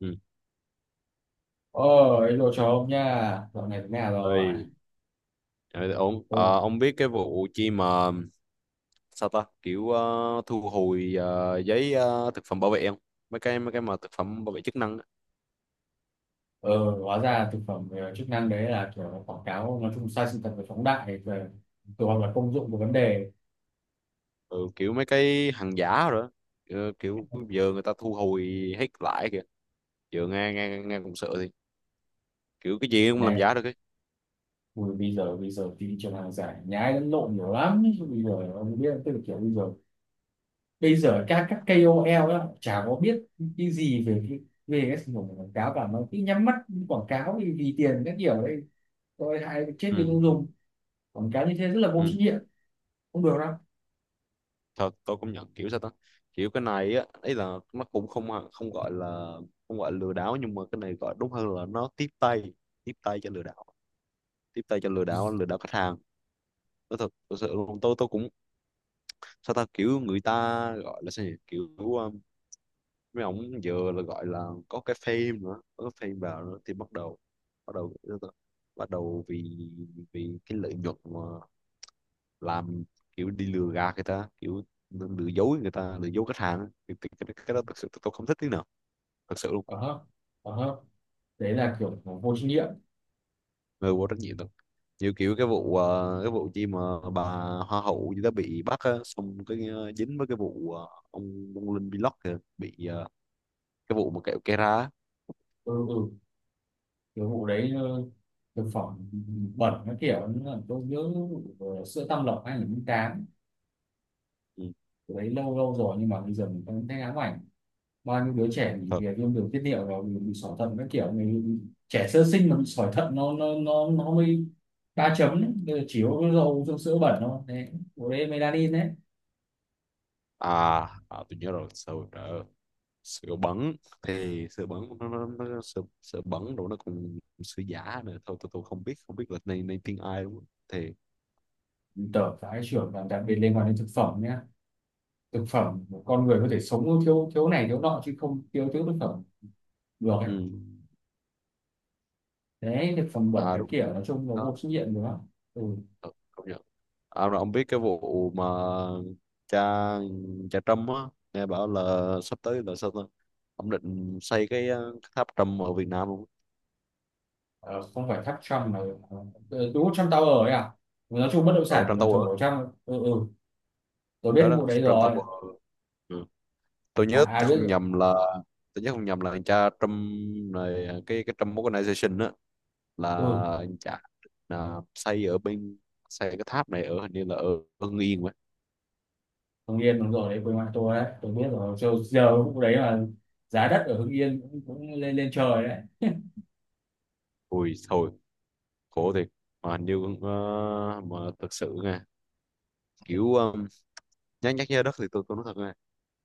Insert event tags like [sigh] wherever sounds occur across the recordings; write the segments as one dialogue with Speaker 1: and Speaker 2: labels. Speaker 1: Ừ.
Speaker 2: Ôi, đồ chó ông nha, dạo này thế nào rồi?
Speaker 1: Ơi, ờ, ổn.
Speaker 2: Ừ,
Speaker 1: Ờ, ông biết cái vụ chi mà sao ta kiểu thu hồi giấy thực phẩm bảo vệ không? Mấy cái mà thực phẩm bảo vệ chức năng á.
Speaker 2: ừ, hóa ra thực phẩm chức năng đấy là kiểu quảng cáo nói chung sai sự thật và phóng đại về kiểu hoặc là công dụng của vấn
Speaker 1: Kiểu,
Speaker 2: đề
Speaker 1: ừ, kiểu mấy cái hàng giả rồi á. Kiểu giờ người ta thu hồi hết lại kìa. Giờ nghe nghe nghe cũng sợ thì kiểu cái gì cũng làm
Speaker 2: này.
Speaker 1: giả được ấy.
Speaker 2: Ui, bây giờ thị trường hàng giả nhái lẫn lộn nhiều lắm. Bây giờ ông biết, tức là kiểu bây giờ các KOL đó, chả có biết cái gì về cái sản phẩm của quảng cáo cả, mà cứ nhắm mắt quảng cáo vì tiền các kiểu đấy. Tôi hại chết người
Speaker 1: Ừ.
Speaker 2: tiêu dùng. Quảng cáo như thế rất là vô trách
Speaker 1: Ừ.
Speaker 2: nhiệm, không được đâu.
Speaker 1: Thật tôi cũng nhận kiểu sao ta, kiểu cái này á, ấy là nó cũng không không gọi là không gọi là lừa đảo, nhưng mà cái này gọi đúng hơn là nó tiếp tay cho lừa đảo, tiếp tay cho lừa đảo, lừa đảo khách hàng. Nói thật, thật sự luôn, tôi cũng sao ta, kiểu người ta gọi là sao nhỉ? Kiểu mấy ông giờ là gọi là có cái fame nữa, có cái fame vào nữa thì bắt đầu, bắt đầu, bắt đầu vì vì cái lợi nhuận mà làm, kiểu đi lừa gạt người ta, kiểu lừa dối người ta, lừa dối khách hàng á. Thì cái đó thật sự tôi không thích tí nào, thật sự luôn.
Speaker 2: Ờ hả? Ờ hả? Đấy là kiểu vô trách nhiệm.
Speaker 1: Người vô trách nhiệm đâu, như kiểu cái vụ cái vụ chi mà bà hoa hậu gì đó bị bắt á, xong cái dính với cái vụ ông Linh Vlog kìa bị cái vụ mà kẹo cây á.
Speaker 2: Ừ, ừ, kiểu vụ đấy thực phẩm bẩn nó kiểu như, tôi nhớ vụ sữa Tam Lộc 2008.
Speaker 1: Ừ.
Speaker 2: Cái đấy lâu lâu rồi nhưng mà bây giờ mình vẫn thấy ám ảnh, bao nhiêu đứa trẻ bị
Speaker 1: Thật.
Speaker 2: về viêm đường tiết niệu, rồi bị sỏi thận các kiểu, người trẻ sơ sinh mà bị sỏi thận nó mới ba chấm đấy. Bây giờ chỉ có cái dầu trong sữa bẩn thôi đấy, bộ đấy melanin đấy,
Speaker 1: À, à tôi nhớ rồi, sữa đỡ, sữa bẩn. Thì sữa bẩn nó sữa, sữa bẩn rồi nó còn sữa giả nữa. Thôi tôi không biết, không biết là này này tiếng ai đúng không thì.
Speaker 2: tờ phải trưởng và đặc biệt liên quan đến thực phẩm nhé. Thực phẩm con người có thể sống thiếu thiếu này thiếu nọ chứ không thiếu thiếu thực phẩm được.
Speaker 1: Ừ.
Speaker 2: Đấy cái phòng bệnh
Speaker 1: À
Speaker 2: cái
Speaker 1: đúng
Speaker 2: kiểu nói chung là
Speaker 1: đó,
Speaker 2: vô trách nhiệm nữa. Ừ.
Speaker 1: đó. Ông biết cái vụ mà cha cha Trâm á, nghe bảo là sắp tới là sao ta, ông định xây cái cái tháp Trump ở Việt Nam luôn,
Speaker 2: Ờ, không phải tháp Trump mà, ừ, đúng Trump Tower ấy à. Ừ, nói chung bất động
Speaker 1: ở
Speaker 2: sản
Speaker 1: Trump
Speaker 2: là
Speaker 1: Tower
Speaker 2: chỗ
Speaker 1: á.
Speaker 2: trong, ừ, ừ, tôi biết
Speaker 1: Đó
Speaker 2: cái
Speaker 1: đó,
Speaker 2: vụ đấy
Speaker 1: Trump
Speaker 2: rồi.
Speaker 1: Tower. Ừ. Tôi nhớ
Speaker 2: À,
Speaker 1: tôi
Speaker 2: ai biết
Speaker 1: không
Speaker 2: rồi.
Speaker 1: nhầm là, tôi nhớ không nhầm là cha Trump này cái Trump Organization á là
Speaker 2: Ừ,
Speaker 1: cha, là xây ở bên, xây cái tháp này ở hình như là ở Hưng Yên vậy.
Speaker 2: Hưng Yên đúng rồi đấy, quê ngoại tôi đấy, tôi biết rồi. Giờ vụ đấy là giá đất ở Hưng Yên cũng lên lên trời đấy.
Speaker 1: Ui thôi, khổ thiệt. Mà hình như ờ, mà thực sự nghe kiểu nhắc, nhắc nhớ đất thì tôi cũng nói thật,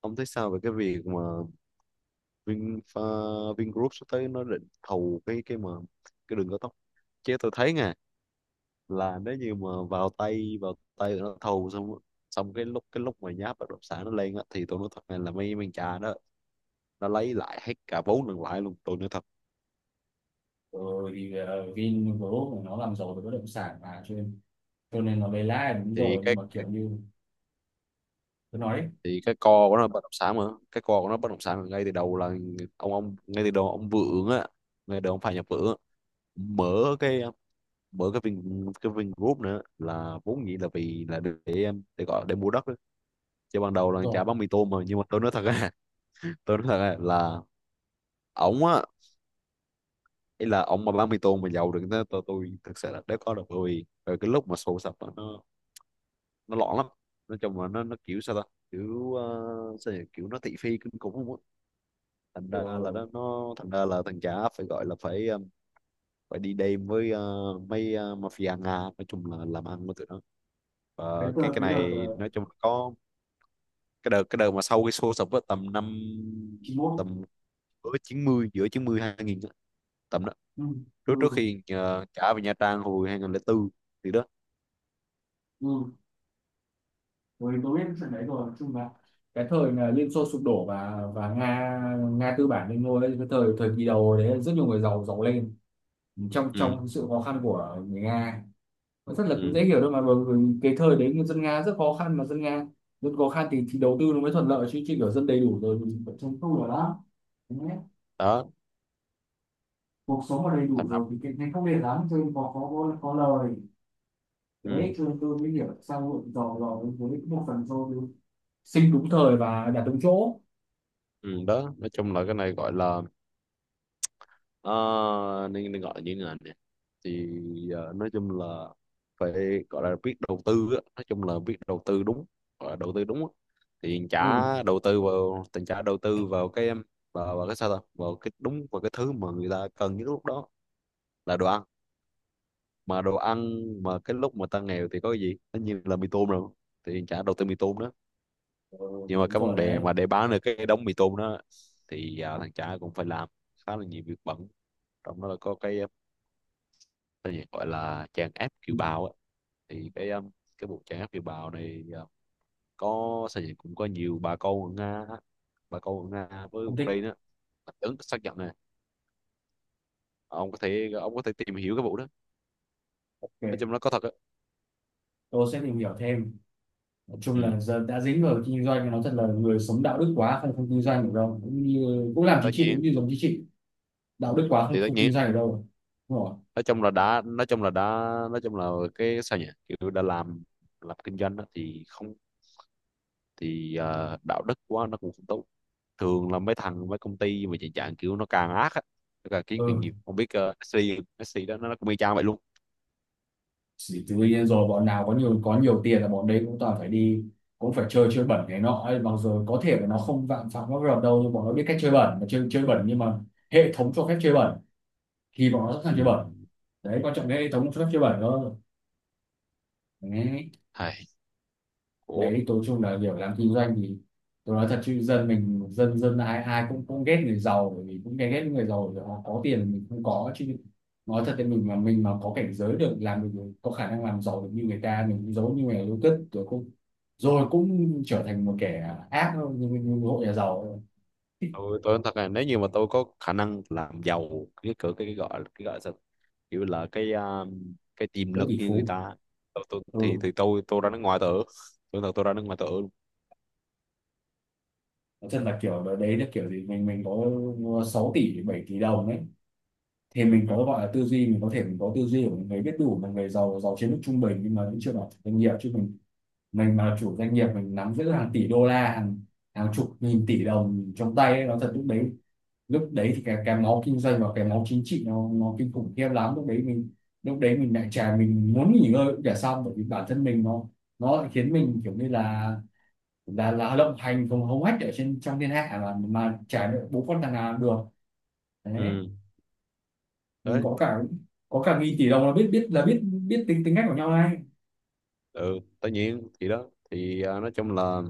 Speaker 1: ông thấy sao về cái việc mà Vinfa, Vingroup sắp tới nó định thầu cái mà cái đường cao tốc. Chứ tôi thấy nè, là nếu như mà vào tay, vào tay tụi nó thầu xong, xong cái lúc, cái lúc mà giá bất động sản nó lên á, thì tôi nói thật này là mấy mấy cha đó nó lấy lại hết cả vốn lẫn lãi luôn, tôi nói thật.
Speaker 2: Ừ, thì Vingroup nó làm giàu về bất động sản mà cho nên nó lấy lãi là đúng
Speaker 1: Thì
Speaker 2: rồi, nhưng
Speaker 1: cái,
Speaker 2: mà kiểu như tôi nói đấy,
Speaker 1: thì cái co của nó bất động sản mà, cái co của nó bất động sản ngay từ đầu là, ông ngay từ đầu ông Vượng á, ngay từ đầu ông Phạm Nhật Vượng á, mở cái, bởi cái Vin, cái Vingroup nữa là vốn dĩ là vì là để gọi để mua đất á. Chứ ban đầu là chả
Speaker 2: rồi.
Speaker 1: bán mì tôm mà, nhưng mà tôi nói thật á [laughs] tôi nói thật á là ổng á, ý là ổng mà bán mì tôm mà giàu được thế, tôi thực sự là đéo có được, bởi vì bởi cái lúc mà sổ sập á, nó loạn lắm. Nói chung là nó kiểu sao ta, kiểu sao nhỉ? Kiểu nó thị phi kinh khủng luôn á. Thành ra là
Speaker 2: Ừ.
Speaker 1: nó thành ra là thằng chả phải gọi là phải phải đi đêm với mấy mafia Nga, nói chung là làm ăn với tụi nó.
Speaker 2: cái
Speaker 1: Và
Speaker 2: đợt
Speaker 1: cái
Speaker 2: cái đợt
Speaker 1: này nói chung là có, cái đợt, cái đợt mà sau cái show sập á tầm năm,
Speaker 2: chín 91.
Speaker 1: tầm giữa chín mươi, giữa 90 2000 á, tầm đó,
Speaker 2: Ừ.
Speaker 1: trước, trước
Speaker 2: Ừ.
Speaker 1: khi trả về Nha Trang hồi 2004, thì đó.
Speaker 2: Ừ, tôi biết trận đấy rồi, nói chung là cái thời là Liên Xô sụp đổ và Nga, Nga tư bản lên ngôi ấy, cái thời thời kỳ đầu đấy rất nhiều người giàu giàu lên trong
Speaker 1: Ừ,
Speaker 2: trong sự khó khăn của người Nga. Nó rất là cũng
Speaker 1: ừ,
Speaker 2: dễ hiểu thôi mà, bởi vì cái thời đấy dân Nga rất khó khăn, mà dân Nga dân khó khăn thì đầu tư nó mới thuận lợi chứ chứ kiểu dân đầy đủ rồi thì vẫn chống tu được đó. Thế nhé.
Speaker 1: đó,
Speaker 2: Cuộc sống mà đầy đủ
Speaker 1: thành lập.
Speaker 2: rồi thì cái này không đẹp lắm, cho nên có lời
Speaker 1: Ừ,
Speaker 2: đấy, cho nên tôi mới hiểu tại sao hội giàu giàu với một phần do tôi sinh đúng thời và đạt đúng chỗ.
Speaker 1: ừ, đó nói chung là cái này gọi là, ờ, nên, nên gọi là như thế này nè, thì nói chung là phải gọi là biết đầu tư á. Nói chung là biết đầu tư đúng, gọi là đầu tư đúng á. Thì
Speaker 2: Ừ,
Speaker 1: trả đầu tư vào tình, trả đầu tư vào cái em, vào, vào cái sao ta, vào cái đúng, vào cái thứ mà người ta cần nhất lúc đó là đồ ăn. Mà đồ ăn, mà cái lúc mà ta nghèo thì có cái gì, tất nhiên là mì tôm rồi, thì trả đầu tư mì tôm đó.
Speaker 2: ừ,
Speaker 1: Nhưng mà
Speaker 2: đúng
Speaker 1: cái vấn
Speaker 2: rồi
Speaker 1: đề
Speaker 2: đấy.
Speaker 1: mà để bán được cái đống mì tôm đó thì à, thằng trả cũng phải làm khá là nhiều việc bận, trong đó là có cái gì gọi là tràn áp
Speaker 2: Ừ,
Speaker 1: kiều bào á. Thì cái vụ tràn áp kiều bào này có sao nhỉ, cũng có nhiều bà con ở Nga á, bà con ở Nga với
Speaker 2: không thích.
Speaker 1: Ukraine á. Ứng xác nhận nè, ông có thể, ông có thể tìm hiểu cái vụ đó, nói
Speaker 2: Ok,
Speaker 1: chung nó có thật á.
Speaker 2: tôi sẽ tìm hiểu thêm. Nói chung
Speaker 1: Ừ.
Speaker 2: là giờ đã dính vào kinh doanh thì nó thật là người sống đạo đức quá không, không kinh doanh được đâu, cũng như cũng làm
Speaker 1: Tất
Speaker 2: chính trị,
Speaker 1: nhiên
Speaker 2: cũng như giống chính trị đạo đức quá không,
Speaker 1: thì, tất
Speaker 2: không
Speaker 1: nhiên
Speaker 2: kinh doanh được đâu. Đúng rồi.
Speaker 1: nói chung là đã, nói chung là đã, nói chung là cái sao nhỉ, kiểu đã làm kinh doanh á thì không, thì đạo đức quá nó cũng không tốt. Thường là mấy thằng, mấy công ty mà chạy dạng kiểu nó càng ác á, nó càng kiếm càng nhiều,
Speaker 2: Ừ,
Speaker 1: không biết SC, SC đó nó cũng y chang vậy luôn.
Speaker 2: thì tự nhiên rồi, bọn nào có nhiều tiền là bọn đấy cũng toàn phải đi, cũng phải chơi chơi bẩn này nọ ấy, mặc dù có thể là nó không phạm phạm pháp luật đâu, nhưng bọn nó biết cách chơi bẩn, mà chơi chơi bẩn, nhưng mà hệ thống cho phép chơi bẩn thì bọn nó sẵn sàng chơi
Speaker 1: Ừ.
Speaker 2: bẩn. Đấy quan trọng cái hệ thống cho phép chơi bẩn thôi.
Speaker 1: Hay. Ủa,
Speaker 2: Đấy tối chung là kiểu làm kinh doanh thì, tôi nói thật chứ dân mình, dân dân ai ai cũng cũng ghét người giàu, bởi vì cũng ghét ghét những người giàu vì họ có tiền mình không có chứ. Nói thật thì mình mà có cảnh giới được làm được có khả năng làm giàu được như người ta, mình cũng giống như người yêu cất rồi cũng trở thành một kẻ ác thôi, như một hộ nhà giàu
Speaker 1: tôi nói thật là, nếu như mà tôi có khả năng làm giàu, cái cái gọi, cái gọi là sao, kiểu là cái cái tiềm
Speaker 2: có
Speaker 1: lực
Speaker 2: tỷ
Speaker 1: như người
Speaker 2: phú.
Speaker 1: ta,
Speaker 2: Ừ,
Speaker 1: thì tôi ra nước ngoài tôi ở, tôi thật tôi ra nước ngoài tôi ở luôn.
Speaker 2: nói thật là kiểu đấy là kiểu gì, mình có 6 tỷ 7 tỷ đồng đấy, thì
Speaker 1: Ừ.
Speaker 2: mình có gọi là tư duy, mình có thể mình có tư duy của một người biết đủ, một người giàu giàu trên mức trung bình, nhưng mà vẫn chưa bảo chủ doanh nghiệp chứ mình mà chủ doanh nghiệp, mình nắm giữ hàng tỷ đô la, hàng hàng chục nghìn tỷ đồng trong tay ấy, nó thật lúc đấy, lúc đấy thì cái máu kinh doanh và cái máu chính trị nó kinh khủng khiếp lắm. Lúc đấy mình, lúc đấy mình lại chả, mình muốn nghỉ ngơi cũng chả xong, bởi vì bản thân mình nó lại khiến mình kiểu như là lộng hành không hống hách ở trên trong thiên hạ, mà chả được, bố con thằng nào được. Đấy.
Speaker 1: Ừ.
Speaker 2: Ừ,
Speaker 1: Đấy.
Speaker 2: có cả nghìn tỷ đồng là biết, biết là biết, biết tính tính cách của nhau ngay.
Speaker 1: Ừ, tất nhiên thì đó, thì à, nói chung là,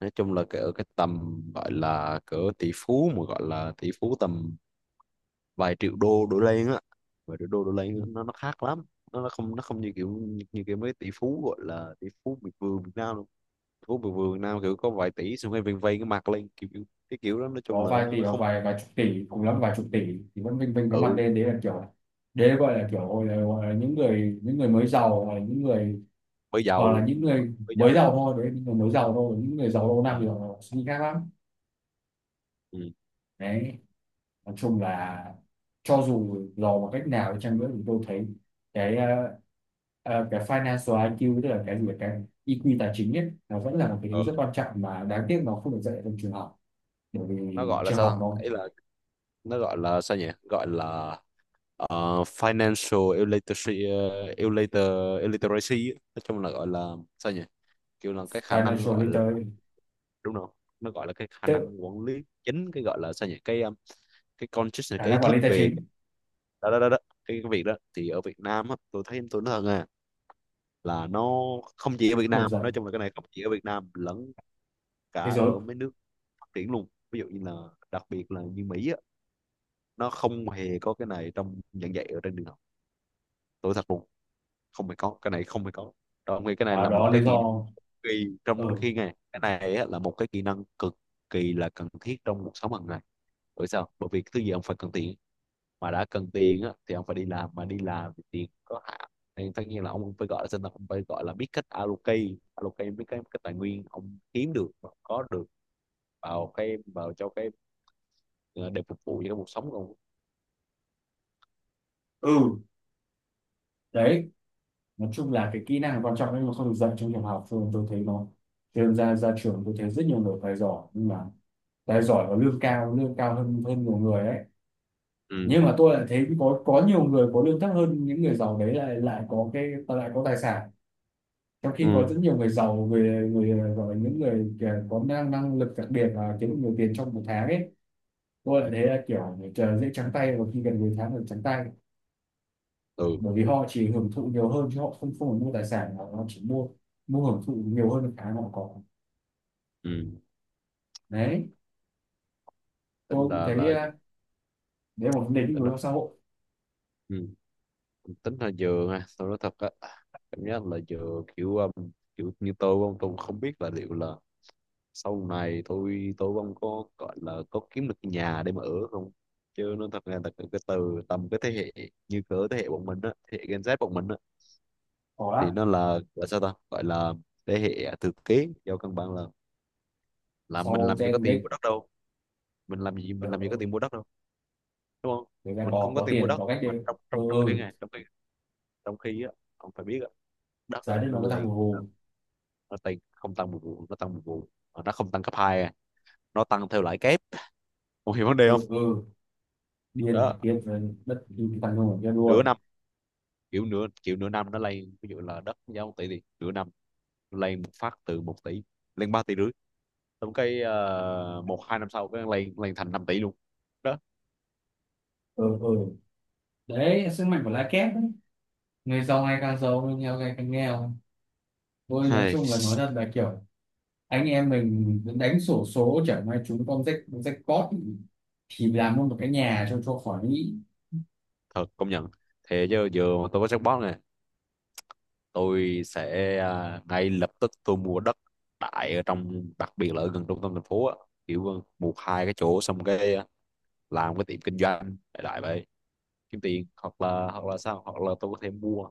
Speaker 1: nói chung là cái ở cái tầm gọi là cỡ tỷ phú, mà gọi là tỷ phú tầm vài triệu đô đổ lên á, vài triệu đô đổ lên
Speaker 2: Ừ.
Speaker 1: á, nó khác lắm. Nó không, nó không như kiểu, như, như kiểu mấy tỷ phú gọi là tỷ phú miệt vườn Việt Nam đâu. Tỷ phú miệt vườn Việt Nam kiểu có vài tỷ xong rồi vây, vây cái mặt lên kiểu, kiểu- cái kiểu đó nói
Speaker 2: Có
Speaker 1: chung là
Speaker 2: vài tỷ
Speaker 1: nó
Speaker 2: hoặc
Speaker 1: không.
Speaker 2: vài vài chục tỷ cùng lắm vài chục tỷ thì vẫn vinh vinh cái mặt
Speaker 1: Ừ,
Speaker 2: lên, đấy là kiểu, đấy gọi là kiểu là, gọi là những người mới giàu hoặc là những người
Speaker 1: mới
Speaker 2: hoặc là
Speaker 1: giàu.
Speaker 2: những người
Speaker 1: Mới
Speaker 2: mới
Speaker 1: giàu.
Speaker 2: giàu thôi, đấy những người mới giàu thôi, những người giàu lâu năm
Speaker 1: Ừ.
Speaker 2: thì họ suy nghĩ khác lắm.
Speaker 1: Ừ.
Speaker 2: Đấy, nói chung là cho dù dò bằng cách nào đi chăng nữa thì tôi thấy cái, cái financial IQ tức là cái gì là cái EQ tài chính ấy, nó vẫn là một cái
Speaker 1: Ờ.
Speaker 2: thứ rất quan trọng mà đáng tiếc nó không được dạy ở trong trường học. Bởi
Speaker 1: Nó
Speaker 2: vì
Speaker 1: gọi là
Speaker 2: trường
Speaker 1: sao ta?
Speaker 2: học nó
Speaker 1: Ấy là nó gọi là sao nhỉ, gọi là financial illiteracy, illiter, illiteracy á. Nói chung là gọi là sao nhỉ, kiểu là cái khả năng
Speaker 2: financial
Speaker 1: gọi là,
Speaker 2: literacy
Speaker 1: đúng không, nó gọi là cái khả
Speaker 2: tự
Speaker 1: năng quản lý chính, cái gọi là sao nhỉ, cái consciousness,
Speaker 2: khả
Speaker 1: cái ý
Speaker 2: năng quản lý
Speaker 1: thức
Speaker 2: tài
Speaker 1: về,
Speaker 2: chính
Speaker 1: đó đó đó, đó. Cái việc đó thì ở Việt Nam á, tôi thấy tôi nói thật à, là nó không chỉ ở Việt
Speaker 2: không được
Speaker 1: Nam,
Speaker 2: dạy
Speaker 1: nói chung là cái này không chỉ ở Việt Nam lẫn cả
Speaker 2: thế giới,
Speaker 1: ở mấy nước phát triển luôn, ví dụ như là đặc biệt là như Mỹ á, nó không hề có cái này trong giảng dạy ở trên trường học, tôi thật luôn. Không phải có cái này, không phải có. Đó, ông nghĩ cái này
Speaker 2: và
Speaker 1: là một
Speaker 2: đó là
Speaker 1: cái
Speaker 2: lý
Speaker 1: kỹ năng,
Speaker 2: do.
Speaker 1: kỳ, trong
Speaker 2: Ừ,
Speaker 1: khi này cái này á, là một cái kỹ năng cực kỳ là cần thiết trong cuộc sống hàng ngày. Bởi sao? Bởi vì thứ gì ông phải cần tiền, mà đã cần tiền á thì ông phải đi làm, mà đi làm thì tiền có hạn, nên tất nhiên là ông phải gọi là sinh, ông phải gọi là biết cách allocate, allocate biết cái tài nguyên ông kiếm được và có được vào cái, vào cho cái ờ, để phục vụ cho cái cuộc sống của ông.
Speaker 2: ừ. Đấy nói chung là cái kỹ năng là quan trọng nhưng mà không được dạy trong trường học, cho nên tôi thấy nó, cho nên ra ra trường tôi thấy rất nhiều người phải giỏi nhưng mà, đấy giỏi và lương cao hơn hơn nhiều người ấy,
Speaker 1: Ừ.
Speaker 2: nhưng mà tôi lại thấy có nhiều người có lương thấp hơn những người giàu đấy lại lại có cái lại có tài sản, trong khi có
Speaker 1: Ừ.
Speaker 2: rất nhiều người giàu, người người gọi là những người kìa có năng năng lực đặc biệt và kiếm được nhiều tiền trong một tháng ấy. Tôi lại thấy là kiểu người chờ dễ trắng tay và khi gần cuối tháng được trắng tay,
Speaker 1: Ừ.
Speaker 2: bởi vì họ chỉ hưởng thụ nhiều hơn chứ họ không, không phải mua tài sản mà họ chỉ mua mua hưởng thụ nhiều hơn cái họ có.
Speaker 1: Ừ.
Speaker 2: Đấy
Speaker 1: Tính
Speaker 2: tôi cũng
Speaker 1: là
Speaker 2: thấy
Speaker 1: là
Speaker 2: đấy là một vấn đề định
Speaker 1: tính là,
Speaker 2: hướng xã hội.
Speaker 1: ừ, tính là dừa ha, tôi nói thật á, cảm giác là dừa kiểu kiểu như tôi không, tôi không biết là liệu là sau này tôi không có gọi là có kiếm được nhà để mà ở không. Chứ nó thật ra là cái từ tầm cái thế hệ như cỡ thế hệ bọn mình á, thế hệ Gen Z bọn mình á,
Speaker 2: Có lắm,
Speaker 1: thì nó là sao ta, gọi là thế hệ à, thừa kế, do căn bản là mình
Speaker 2: sau
Speaker 1: làm gì có
Speaker 2: Gen Z
Speaker 1: tiền mua đất đâu, mình làm gì, mình làm gì có tiền mua đất đâu, đúng không?
Speaker 2: người ta
Speaker 1: Mình
Speaker 2: có
Speaker 1: không có
Speaker 2: có
Speaker 1: tiền mua
Speaker 2: tiền
Speaker 1: đất,
Speaker 2: có cách đấy.
Speaker 1: mà trong,
Speaker 2: Ừ,
Speaker 1: trong, trong khi
Speaker 2: ừ,
Speaker 1: này, trong khi, trong khi á, ông phải biết á, đất
Speaker 2: giá
Speaker 1: á,
Speaker 2: đất
Speaker 1: nó
Speaker 2: nó có tăng
Speaker 1: lên,
Speaker 2: hù hù.
Speaker 1: nó tăng, không tăng một vụ, nó tăng một vụ. Mà nó không tăng cấp hai à. Nó tăng theo lãi kép, không hiểu vấn đề không?
Speaker 2: Ừ, ừ, điên
Speaker 1: Đó,
Speaker 2: điên rồi, đất đi cái thằng ngu cho đuôi.
Speaker 1: nửa năm, kiểu nửa năm nó lên, ví dụ là đất giá một tỷ thì nửa năm nó lên một phát từ một tỷ lên ba tỷ rưỡi. Xong cái một hai năm sau cái lên lên thành năm tỷ luôn. Đó,
Speaker 2: Ừ, ừ, đấy là sức mạnh của lá kép đấy, người giàu ngày càng giàu, người nghèo ngày càng nghèo. Tôi nói
Speaker 1: hay
Speaker 2: chung là nói thật là kiểu anh em mình đánh xổ số chẳng may chúng con rách rách cót thì làm luôn một cái nhà cho khỏi nghĩ.
Speaker 1: thật, công nhận. Thế chứ giờ mà tôi có jackpot này, tôi sẽ ngay lập tức tôi mua đất, tại ở trong đặc biệt là ở gần trung tâm thành phố á, kiểu một hai cái chỗ, xong cái làm cái tiệm kinh doanh đại đại vậy kiếm tiền. Hoặc là hoặc là sao hoặc là tôi có thể mua,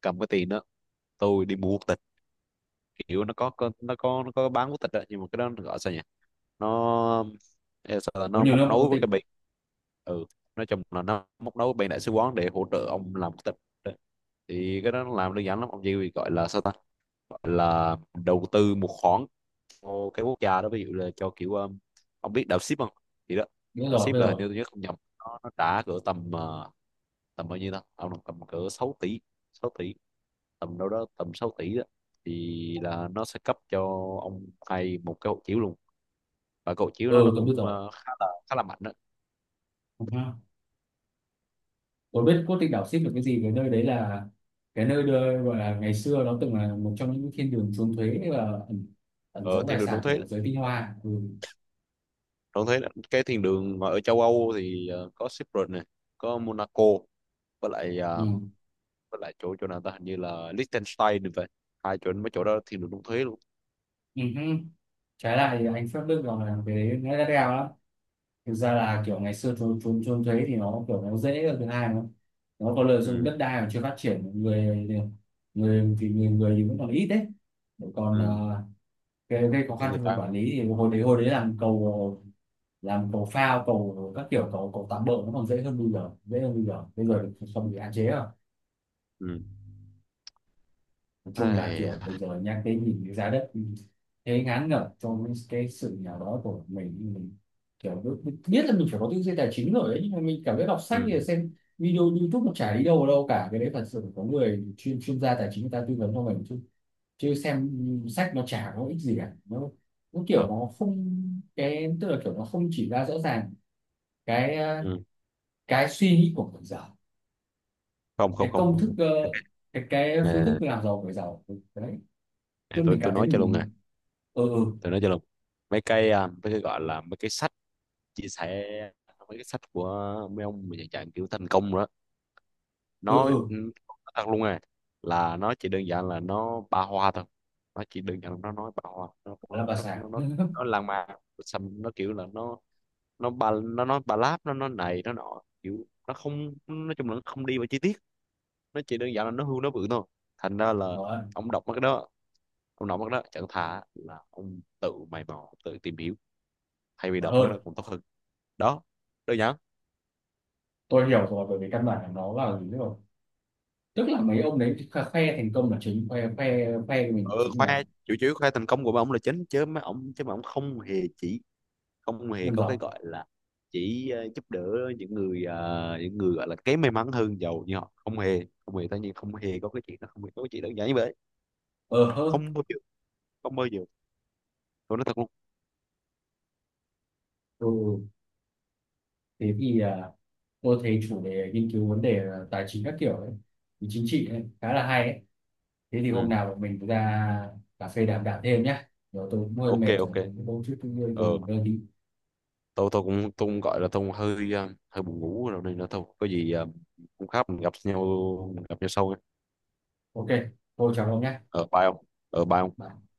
Speaker 1: cầm cái tiền đó tôi đi mua quốc tịch. Kiểu nó nó có, nó bán quốc tịch đó, nhưng mà cái đó nó gọi sao nhỉ, nó ê, sao là
Speaker 2: Có
Speaker 1: nó
Speaker 2: nhiều
Speaker 1: móc
Speaker 2: nơi mà có
Speaker 1: nối với
Speaker 2: tịch.
Speaker 1: cái bên, ừ, nói chung là nó móc nối với bên đại sứ quán để hỗ trợ ông làm quốc tịch đó. Thì cái đó nó làm đơn giản lắm, ông chỉ gọi là sao ta, gọi là đầu tư một khoản cho cái quốc gia đó, ví dụ là cho kiểu ông biết đạo ship không, thì đó.
Speaker 2: Biết
Speaker 1: Đạo
Speaker 2: rồi,
Speaker 1: ship
Speaker 2: biết
Speaker 1: là hình
Speaker 2: rồi.
Speaker 1: như tôi nhớ không nhầm nó trả cỡ tầm tầm bao nhiêu ta ông, tầm cỡ 6 tỷ, 6 tỷ, tầm đâu đó tầm 6 tỷ đó. Thì là nó sẽ cấp cho ông hay một cái hộ chiếu luôn, và cái hộ chiếu nó
Speaker 2: Ừ,
Speaker 1: nó
Speaker 2: tôi biết
Speaker 1: cũng khá là mạnh đó.
Speaker 2: rồi. Tôi biết cốt tinh đảo ship được cái gì, cái nơi đấy là cái nơi đưa, gọi là ngày xưa nó từng là một trong những thiên đường trốn thuế và ẩn, ẩn
Speaker 1: Ờ,
Speaker 2: giấu
Speaker 1: thiên
Speaker 2: tài
Speaker 1: đường đóng
Speaker 2: sản
Speaker 1: thế,
Speaker 2: của giới tinh hoa. Ừ.
Speaker 1: đóng thuế lắm. Cái thiên đường mà ở châu Âu thì ờ, có Cyprus này, có Monaco, với lại
Speaker 2: Ừ.
Speaker 1: ờ, với lại chỗ chỗ nào ta, hình như là Liechtenstein thì vậy. Hai chỗ, mấy chỗ đó thiên đường đóng thuế luôn.
Speaker 2: Ừ. Hứ. Trái lại thì anh Pháp Đức còn là cái đấy nó đắt đeo lắm. Thực ra là kiểu ngày xưa trốn trốn trốn thuế thì nó kiểu nó dễ hơn, thứ hai nó có lợi dụng
Speaker 1: Ừ,
Speaker 2: đất đai mà chưa phát triển, người người thì vẫn còn ít đấy, còn
Speaker 1: ừ,
Speaker 2: gây khó
Speaker 1: kiểu
Speaker 2: khăn
Speaker 1: người
Speaker 2: trong việc
Speaker 1: ta,
Speaker 2: quản lý thì hồi đấy làm cầu phao cầu các kiểu cầu cầu tạm bỡ nó còn dễ hơn bây giờ. Bây
Speaker 1: ừ,
Speaker 2: giờ thì không bị hạn chế rồi.
Speaker 1: ừ,
Speaker 2: Nói chung là
Speaker 1: ai,
Speaker 2: kiểu bây giờ nhắc cái nhìn cái giá đất thế ngán ngẩm trong cái sự nghèo đó của mình kiểu biết, biết biết là mình phải có tư duy tài chính rồi đấy, nhưng mà mình cảm thấy đọc sách
Speaker 1: ừ,
Speaker 2: thì xem video YouTube nó chả đi đâu vào đâu cả, cái đấy thật sự phải có người chuyên chuyên gia tài chính người ta tư vấn cho mình chứ, chứ xem sách nó chả có ích gì cả, nó kiểu
Speaker 1: ờ,
Speaker 2: nó không, cái tức là kiểu nó không chỉ ra rõ ràng cái,
Speaker 1: ừ.
Speaker 2: cái suy nghĩ của người giàu,
Speaker 1: Không, không,
Speaker 2: cái công thức,
Speaker 1: không.
Speaker 2: cái phương thức
Speaker 1: Nè,
Speaker 2: làm giàu của người giàu đấy,
Speaker 1: à,
Speaker 2: chứ
Speaker 1: tôi
Speaker 2: mình
Speaker 1: tôi
Speaker 2: cảm thấy
Speaker 1: nói cho luôn nè,
Speaker 2: mình, ừ, ừ,
Speaker 1: tôi nói cho luôn, mấy cái mấy cái gọi là mấy cái sách chia sẻ, mấy cái sách của mấy ông mà dạng dạng kiểu thành công rồi đó,
Speaker 2: ừ,
Speaker 1: nó
Speaker 2: ừ,
Speaker 1: nó thật luôn nè, là nó chỉ đơn giản là nó ba hoa thôi. Nó chỉ đơn giản là nó nói ba hoa, nó
Speaker 2: gọi
Speaker 1: nó
Speaker 2: là bà
Speaker 1: nó
Speaker 2: xã.
Speaker 1: nó nó,
Speaker 2: [laughs]
Speaker 1: nó lan man, xong nó kiểu là nó, nó nó nói ba láp, nó này nó nọ, kiểu nó không, nói chung là nó không đi vào chi tiết, nó chỉ đơn giản là nó hưu nó bự thôi. Thành ra là
Speaker 2: Nó
Speaker 1: ông đọc mấy cái đó, ông nói mất đó chẳng thà là ông tự mày mò tự tìm hiểu, thay vì
Speaker 2: còn
Speaker 1: đọc mất
Speaker 2: hơn.
Speaker 1: đó cũng tốt hơn. Đó, đơn giản.
Speaker 2: Tôi hiểu rồi, bởi vì căn bản là nó là gì rồi, tức là mấy ông đấy khoe thành công là chính, khoe khoe khoe mình là
Speaker 1: Ừ,
Speaker 2: chính mà,
Speaker 1: khoe chủ yếu khoe thành công của mấy ông là chính, chứ mấy ông, chứ mà ông không hề chỉ, không hề
Speaker 2: nhân
Speaker 1: có cái
Speaker 2: giàu.
Speaker 1: gọi là chỉ giúp đỡ những người những người gọi là kém may mắn hơn giàu như họ. Không hề, không hề, tất nhiên không hề có cái chuyện đó, không hề có cái chuyện đơn giản như vậy.
Speaker 2: Ờ hơ.
Speaker 1: Không bao giờ, không bao giờ, tôi nói thật luôn.
Speaker 2: Ừ, ừ. Thế thì à, tôi thấy chủ đề nghiên cứu vấn đề tài chính các kiểu ấy thì chính trị ấy, khá là hay ấy. Thế thì hôm
Speaker 1: Ừ.
Speaker 2: nào bọn mình ra cà phê đàm đạo thêm nhé, rồi tôi cũng hơi
Speaker 1: Ok,
Speaker 2: mệt rồi
Speaker 1: ok,
Speaker 2: tôi cũng đôi chút, tôi
Speaker 1: ờ,
Speaker 2: mình đi.
Speaker 1: tôi cũng gọi là tôi cũng hơi hơi buồn ngủ rồi, nên là thôi, có gì ờ, hôm khác mình gặp nhau, mình gặp nhau sau nha.
Speaker 2: Ok, thôi chào ông nhé.
Speaker 1: Ở, bye không, ở, bye không.
Speaker 2: Bye.